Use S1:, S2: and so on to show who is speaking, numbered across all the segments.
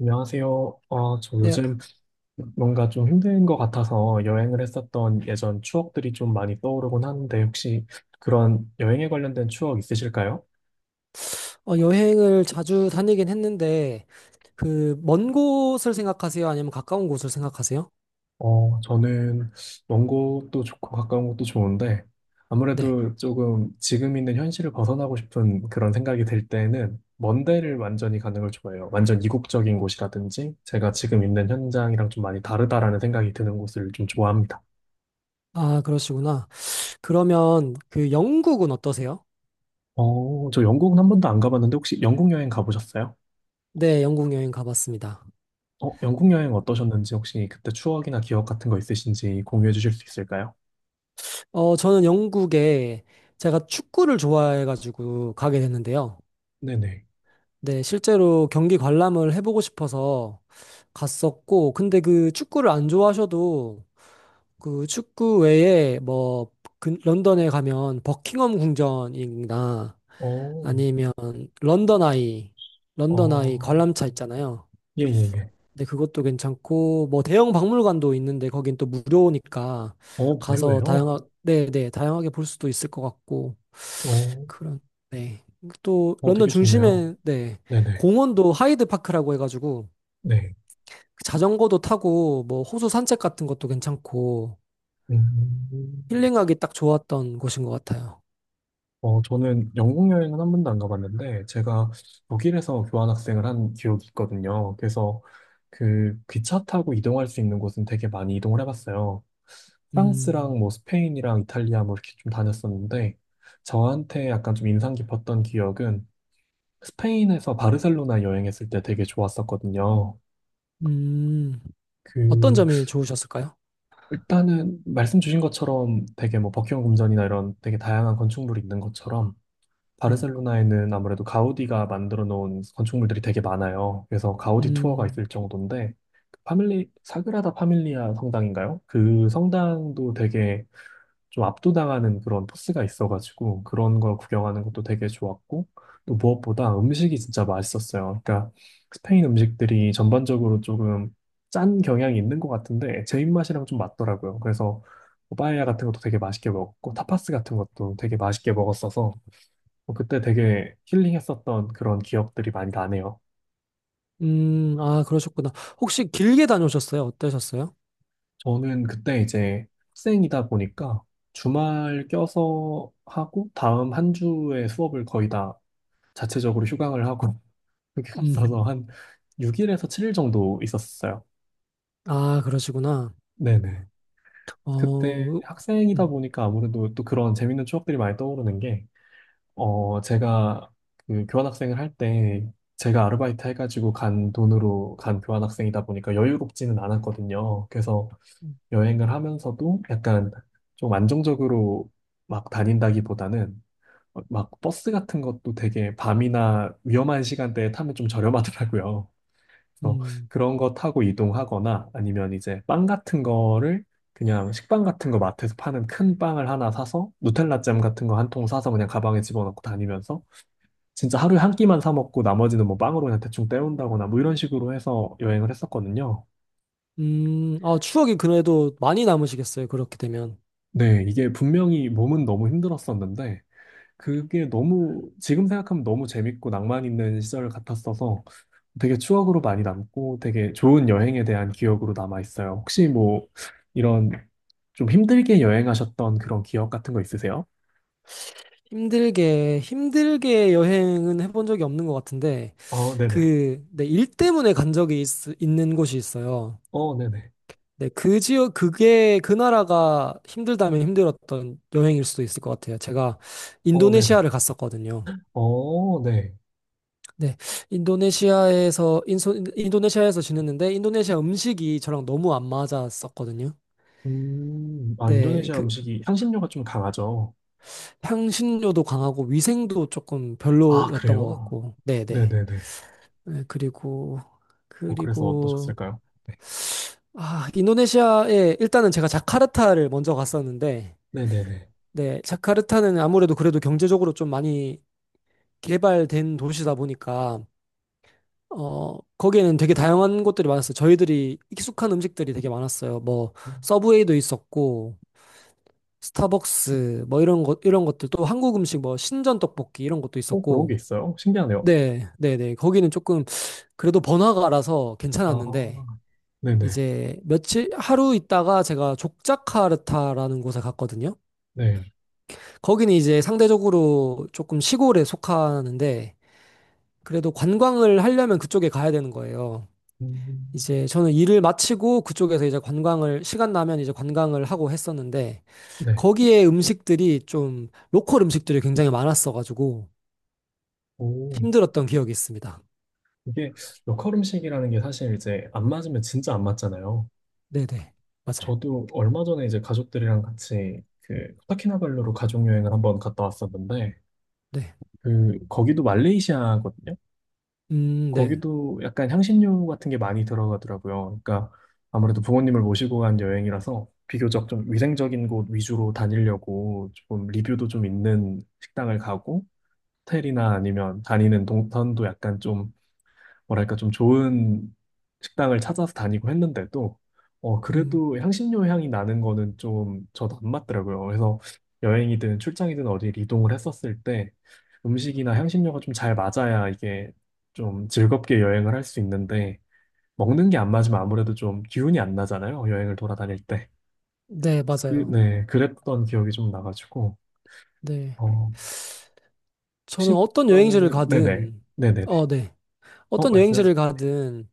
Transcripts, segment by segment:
S1: 안녕하세요. 아, 저
S2: 네,
S1: 요즘 뭔가 좀 힘든 것 같아서 여행을 했었던 예전 추억들이 좀 많이 떠오르곤 하는데 혹시 그런 여행에 관련된 추억 있으실까요?
S2: 여행을 자주 다니긴 했는데, 먼 곳을 생각하세요? 아니면 가까운 곳을 생각하세요?
S1: 어, 저는 먼 곳도 좋고 가까운 곳도 좋은데
S2: 네.
S1: 아무래도 조금 지금 있는 현실을 벗어나고 싶은 그런 생각이 들 때는 먼 데를 완전히 가는 걸 좋아해요. 완전 이국적인 곳이라든지 제가 지금 있는 현장이랑 좀 많이 다르다라는 생각이 드는 곳을 좀 좋아합니다.
S2: 아, 그러시구나. 그러면 그 영국은 어떠세요?
S1: 어, 저 영국은 한 번도 안 가봤는데 혹시 영국 여행 가보셨어요?
S2: 네, 영국 여행 가봤습니다.
S1: 어, 영국 여행 어떠셨는지 혹시 그때 추억이나 기억 같은 거 있으신지 공유해 주실 수 있을까요?
S2: 어, 저는 영국에 제가 축구를 좋아해가지고 가게 됐는데요.
S1: 네네.
S2: 네, 실제로 경기 관람을 해보고 싶어서 갔었고, 근데 그 축구를 안 좋아하셔도 그 축구 외에 런던에 가면 버킹엄 궁전이나
S1: 어,
S2: 아니면 런던 아이, 런던 아이
S1: 어,
S2: 관람차 있잖아요.
S1: 예, 예, 예.
S2: 근데 그것도 괜찮고 뭐 대형 박물관도 있는데 거긴 또 무료니까
S1: 어,
S2: 가서
S1: 무료예요?
S2: 다양하 네, 네, 다양하게 볼 수도 있을 것 같고
S1: 어,
S2: 그런 네. 또
S1: 어,
S2: 런던
S1: 되게 좋네요.
S2: 중심에 네.
S1: 네네.
S2: 공원도 하이드 파크라고 해가지고
S1: 네.
S2: 그 자전거도 타고 뭐 호수 산책 같은 것도 괜찮고
S1: 음,
S2: 힐링하기 딱 좋았던 곳인 것 같아요.
S1: 어, 저는 영국 여행은 한 번도 안 가봤는데 제가 독일에서 교환학생을 한 기억이 있거든요. 그래서 그 기차 타고 이동할 수 있는 곳은 되게 많이 이동을 해봤어요.
S2: 음,
S1: 프랑스랑 뭐 스페인이랑 이탈리아 뭐 이렇게 좀 다녔었는데 저한테 약간 좀 인상 깊었던 기억은 스페인에서 바르셀로나 여행했을 때 되게 좋았었거든요.
S2: 음, 어떤
S1: 그
S2: 점이 좋으셨을까요?
S1: 일단은 말씀 주신 것처럼 되게 뭐 버킹엄 궁전이나 이런 되게 다양한 건축물이 있는 것처럼
S2: 음,
S1: 바르셀로나에는 아무래도 가우디가 만들어 놓은 건축물들이 되게 많아요. 그래서 가우디 투어가
S2: 음,
S1: 있을 정도인데 그 파밀리 사그라다 파밀리아 성당인가요? 그 성당도 되게 좀 압도당하는 그런 포스가 있어가지고 그런 걸 구경하는 것도 되게 좋았고 또 무엇보다 음식이 진짜 맛있었어요. 그러니까 스페인 음식들이 전반적으로 조금 짠 경향이 있는 것 같은데 제 입맛이랑 좀 맞더라고요. 그래서 뭐 빠에야 같은 것도 되게 맛있게 먹었고 타파스 같은 것도 되게 맛있게 먹었어서 뭐 그때 되게 힐링했었던 그런 기억들이 많이 나네요.
S2: 아, 그러셨구나. 혹시 길게 다녀오셨어요? 어떠셨어요?
S1: 저는 그때 이제 학생이다 보니까 주말 껴서 하고 다음 한 주에 수업을 거의 다 자체적으로 휴강을 하고 그게 없어서
S2: 음,
S1: 한 6일에서 7일 정도 있었어요.
S2: 아, 그러시구나.
S1: 네네. 그때
S2: 어,
S1: 학생이다
S2: 음,
S1: 보니까 아무래도 또 그런 재밌는 추억들이 많이 떠오르는 게, 어, 제가 그 교환학생을 할 때, 제가 아르바이트 해가지고 간 돈으로 간 교환학생이다 보니까 여유롭지는 않았거든요. 그래서 여행을 하면서도 약간 좀 안정적으로 막 다닌다기보다는 막 버스 같은 것도 되게 밤이나 위험한 시간대에 타면 좀 저렴하더라고요. 그래서
S2: 음,
S1: 그런 거 타고 이동하거나 아니면 이제 빵 같은 거를 그냥 식빵 같은 거 마트에서 파는 큰 빵을 하나 사서 누텔라 잼 같은 거 한 통 사서 그냥 가방에 집어넣고 다니면서 진짜 하루에 한 끼만 사 먹고 나머지는 뭐 빵으로 그냥 대충 때운다거나 뭐 이런 식으로 해서 여행을 했었거든요.
S2: 아, 추억이 그래도 많이 남으시겠어요? 그렇게 되면.
S1: 네, 이게 분명히 몸은 너무 힘들었었는데 그게 너무 지금 생각하면 너무 재밌고 낭만 있는 시절 같았어서 되게 추억으로 많이 남고 되게 좋은 여행에 대한 기억으로 남아 있어요. 혹시 뭐 이런 좀 힘들게 여행하셨던 그런 기억 같은 거 있으세요?
S2: 힘들게 여행은 해본 적이 없는 것 같은데,
S1: 어, 네네.
S2: 네, 일 때문에 있는 곳이 있어요.
S1: 어, 네네.
S2: 네, 그 나라가 힘들다면 힘들었던 여행일 수도 있을 것 같아요. 제가
S1: 어, 네네.
S2: 인도네시아를 갔었거든요.
S1: 어, 네.
S2: 네, 인도네시아에서 지냈는데, 인도네시아 음식이 저랑 너무 안 맞았었거든요.
S1: 아,
S2: 네,
S1: 인도네시아
S2: 그,
S1: 음식이 향신료가 좀 강하죠.
S2: 향신료도 강하고, 위생도 조금
S1: 아,
S2: 별로였던 것
S1: 그래요?
S2: 같고, 네, 네.
S1: 네네네.
S2: 네,
S1: 어, 그래서
S2: 그리고,
S1: 어떠셨을까요? 네.
S2: 아, 일단은 제가 자카르타를 먼저 갔었는데,
S1: 네네네.
S2: 네, 자카르타는 아무래도 그래도 경제적으로 좀 많이 개발된 도시다 보니까 어 거기에는 되게 다양한 곳들이 많았어요. 저희들이 익숙한 음식들이 되게 많았어요. 뭐
S1: 음,
S2: 서브웨이도 있었고 스타벅스 뭐 이런 것들 또 한국 음식 뭐 신전 떡볶이 이런 것도
S1: 어, 그런 게
S2: 있었고
S1: 있어요? 신기하네요.
S2: 네, 네, 네. 거기는 조금 그래도 번화가라서 괜찮았는데
S1: 아, 네네.
S2: 이제 며칠 하루 있다가 제가 족자카르타라는 곳에 갔거든요.
S1: 네.
S2: 거기는 이제 상대적으로 조금 시골에 속하는데 그래도 관광을 하려면 그쪽에 가야 되는 거예요.
S1: 음,
S2: 이제 저는 일을 마치고 그쪽에서 이제 관광을 시간 나면 이제 관광을 하고 했었는데
S1: 네.
S2: 거기에 음식들이 좀 로컬 음식들이 굉장히 많았어가지고
S1: 오,
S2: 힘들었던 기억이 있습니다.
S1: 이게 로컬 음식이라는 게 사실 이제 안 맞으면 진짜 안 맞잖아요.
S2: 네네 맞아요.
S1: 저도 얼마 전에 이제 가족들이랑 같이 그 코타키나발루로 가족 여행을 한번 갔다 왔었는데
S2: 네.
S1: 그 거기도 말레이시아거든요.
S2: 네.
S1: 거기도 약간 향신료 같은 게 많이 들어가더라고요. 그러니까 아무래도 부모님을 모시고 간 여행이라서 비교적 좀 위생적인 곳 위주로 다니려고 조금 리뷰도 좀 있는 식당을 가고 호텔이나 아니면 다니는 동선도 약간 좀 뭐랄까 좀 좋은 식당을 찾아서 다니고 했는데도 어
S2: 음,
S1: 그래도 향신료 향이 나는 거는 좀 저도 안 맞더라고요. 그래서 여행이든 출장이든 어디 이동을 했었을 때 음식이나 향신료가 좀 잘 맞아야 이게 좀 즐겁게 여행을 할 수 있는데 먹는 게 안 맞으면 아무래도 좀 기운이 안 나잖아요. 여행을 돌아다닐 때.
S2: 네
S1: 그래서 그,
S2: 맞아요.
S1: 네, 그랬던 기억이 좀 나가지고
S2: 네.
S1: 어
S2: 저는
S1: 혹시
S2: 어떤 여행지를
S1: 그러면은 네네
S2: 가든
S1: 네네네
S2: 어, 네.
S1: 어
S2: 어떤 여행지를
S1: 말씀하십시오. 네.
S2: 가든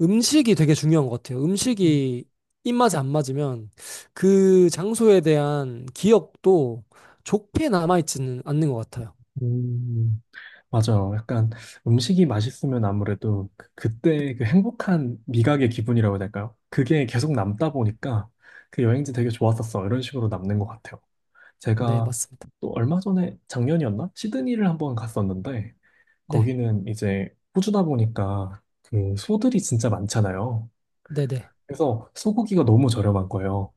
S2: 음식이 되게 중요한 것 같아요. 음식이 입맛에 안 맞으면 그 장소에 대한 기억도 좋게 남아있지는 않는 것 같아요.
S1: 음, 맞아요. 약간 음식이 맛있으면 아무래도 그때 그 행복한 미각의 기분이라고 해야 될까요? 그게 계속 남다 보니까 그 여행지 되게 좋았었어. 이런 식으로 남는 것 같아요.
S2: 네,
S1: 제가
S2: 맞습니다.
S1: 또 얼마 전에 작년이었나? 시드니를 한번 갔었는데
S2: 네,
S1: 거기는 이제 호주다 보니까 그 소들이 진짜 많잖아요.
S2: 네, 네.
S1: 그래서 소고기가 너무 저렴한 거예요.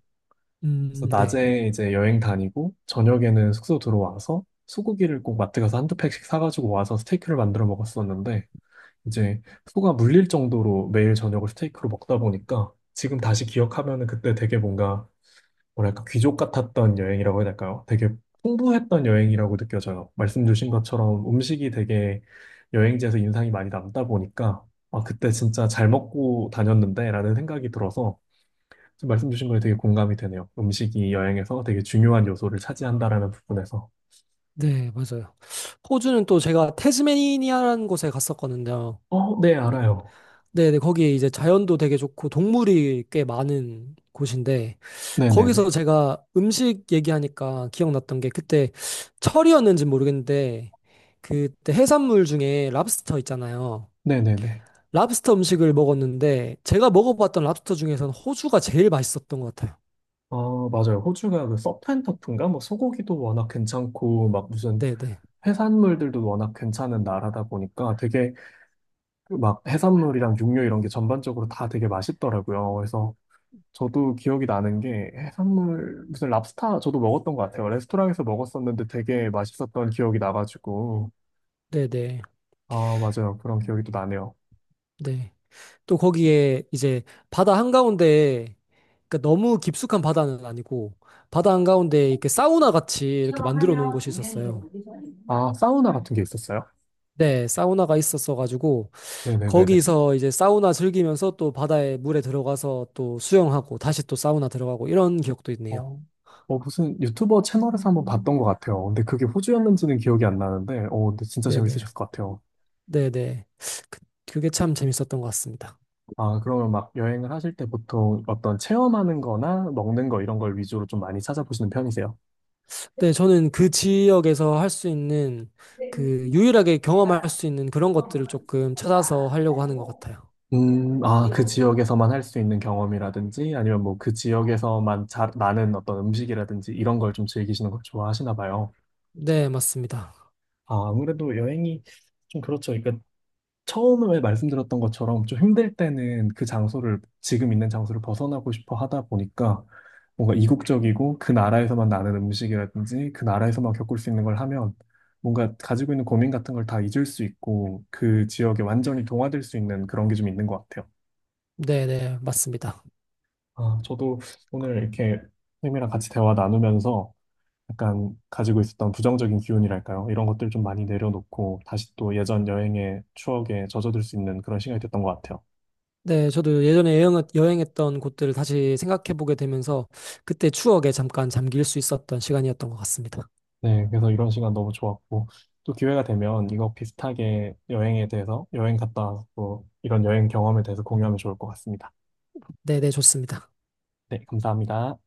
S1: 그래서
S2: 네.
S1: 낮에 이제 여행 다니고 저녁에는 숙소 들어와서 소고기를 꼭 마트 가서 한두 팩씩 사가지고 와서 스테이크를 만들어 먹었었는데 이제 소가 물릴 정도로 매일 저녁을 스테이크로 먹다 보니까 지금 다시 기억하면은 그때 되게 뭔가 뭐랄까 귀족 같았던 여행이라고 해야 될까요? 되게 풍부했던 여행이라고 느껴져요. 말씀 주신 것처럼 음식이 되게 여행지에서 인상이 많이 남다 보니까 아, 그때 진짜 잘 먹고 다녔는데라는 생각이 들어서 지금 말씀 주신 거에 되게 공감이 되네요. 음식이 여행에서 되게 중요한 요소를 차지한다라는 부분에서.
S2: 네, 맞아요. 호주는 또 제가 태즈메니아라는 곳에 갔었거든요.
S1: 어, 네, 알아요.
S2: 네, 네. 거기 이제 자연도 되게 좋고 동물이 꽤 많은 곳인데
S1: 네네네.
S2: 거기서 제가 음식 얘기하니까 기억났던 게 그때 철이었는지 모르겠는데 그때 해산물 중에 랍스터 있잖아요.
S1: 네네네.
S2: 랍스터 음식을 먹었는데 제가 먹어봤던 랍스터 중에서는 호주가 제일 맛있었던 것 같아요.
S1: 아, 맞아요. 호주가 그 서프앤터프인가? 뭐 소고기도 워낙 괜찮고, 막 무슨
S2: 네, 네.
S1: 해산물들도 워낙 괜찮은 나라다 보니까 되게 그 막 해산물이랑 육류 이런 게 전반적으로 다 되게 맛있더라고요. 그래서 저도 기억이 나는 게 해산물, 무슨 랍스타 저도 먹었던 것 같아요. 레스토랑에서 먹었었는데 되게 맛있었던 기억이 나가지고.
S2: 네, 네.
S1: 아, 맞아요. 그런 기억이 또 나네요.
S2: 네. 또 거기에 이제 바다 한가운데 그러니까 너무 깊숙한 바다는 아니고 바다 한가운데 이렇게 사우나 같이 이렇게 만들어 놓은 곳이 있었어요.
S1: 아, 사우나 같은 게 있었어요?
S2: 네, 사우나가 있었어 가지고
S1: 네네네네.
S2: 거기서 이제 사우나 즐기면서 또 바다에 물에 들어가서 또 수영하고 다시 또 사우나 들어가고 이런 기억도 있네요.
S1: 어, 어, 무슨 유튜버 채널에서 한번 봤던 것 같아요. 근데 그게 호주였는지는 기억이 안 나는데, 어, 근데 진짜
S2: 네, 네.
S1: 재밌으셨을 것 같아요.
S2: 네, 네. 그- 그게 참 재밌었던 것 같습니다.
S1: 아, 그러면 막 여행을 하실 때 보통 어떤 체험하는 거나 먹는 거 이런 걸 위주로 좀 많이 찾아보시는 편이세요?
S2: 네, 저는 그 지역에서 할 수 있는 그 유일하게 경험할 수 있는 그런 것들을 조금 찾아서 하려고 하는 것 같아요.
S1: 아, 그 지역에서만 할 수 있는 경험이라든지 아니면 뭐 그 지역에서만 잘 나는 어떤 음식이라든지 이런 걸 좀 즐기시는 걸 좋아하시나 봐요.
S2: 네, 맞습니다.
S1: 아, 아무래도 여행이 좀 그렇죠. 그러니까 처음에 말씀드렸던 것처럼 좀 힘들 때는 그 장소를, 지금 있는 장소를 벗어나고 싶어 하다 보니까 뭔가 이국적이고 그 나라에서만 나는 음식이라든지 그 나라에서만 겪을 수 있는 걸 하면 뭔가 가지고 있는 고민 같은 걸 다 잊을 수 있고 그 지역에 완전히 동화될 수 있는 그런 게 좀 있는 것 같아요.
S2: 네, 네, 맞습니다.
S1: 아, 저도 오늘 이렇게 선생님이랑 같이 대화 나누면서 약간 가지고 있었던 부정적인 기운이랄까요? 이런 것들 좀 많이 내려놓고 다시 또 예전 여행의 추억에 젖어들 수 있는 그런 시간이 됐던 것 같아요.
S2: 네, 저도 예전에 여행했던 곳들을 다시 생각해보게 되면서 그때 추억에 잠깐 잠길 수 있었던 시간이었던 것 같습니다.
S1: 네, 그래서 이런 시간 너무 좋았고, 또 기회가 되면 이거 비슷하게 여행에 대해서, 여행 갔다 와서 또 이런 여행 경험에 대해서 공유하면 좋을 것 같습니다.
S2: 네, 네, 좋습니다.
S1: 네, 감사합니다.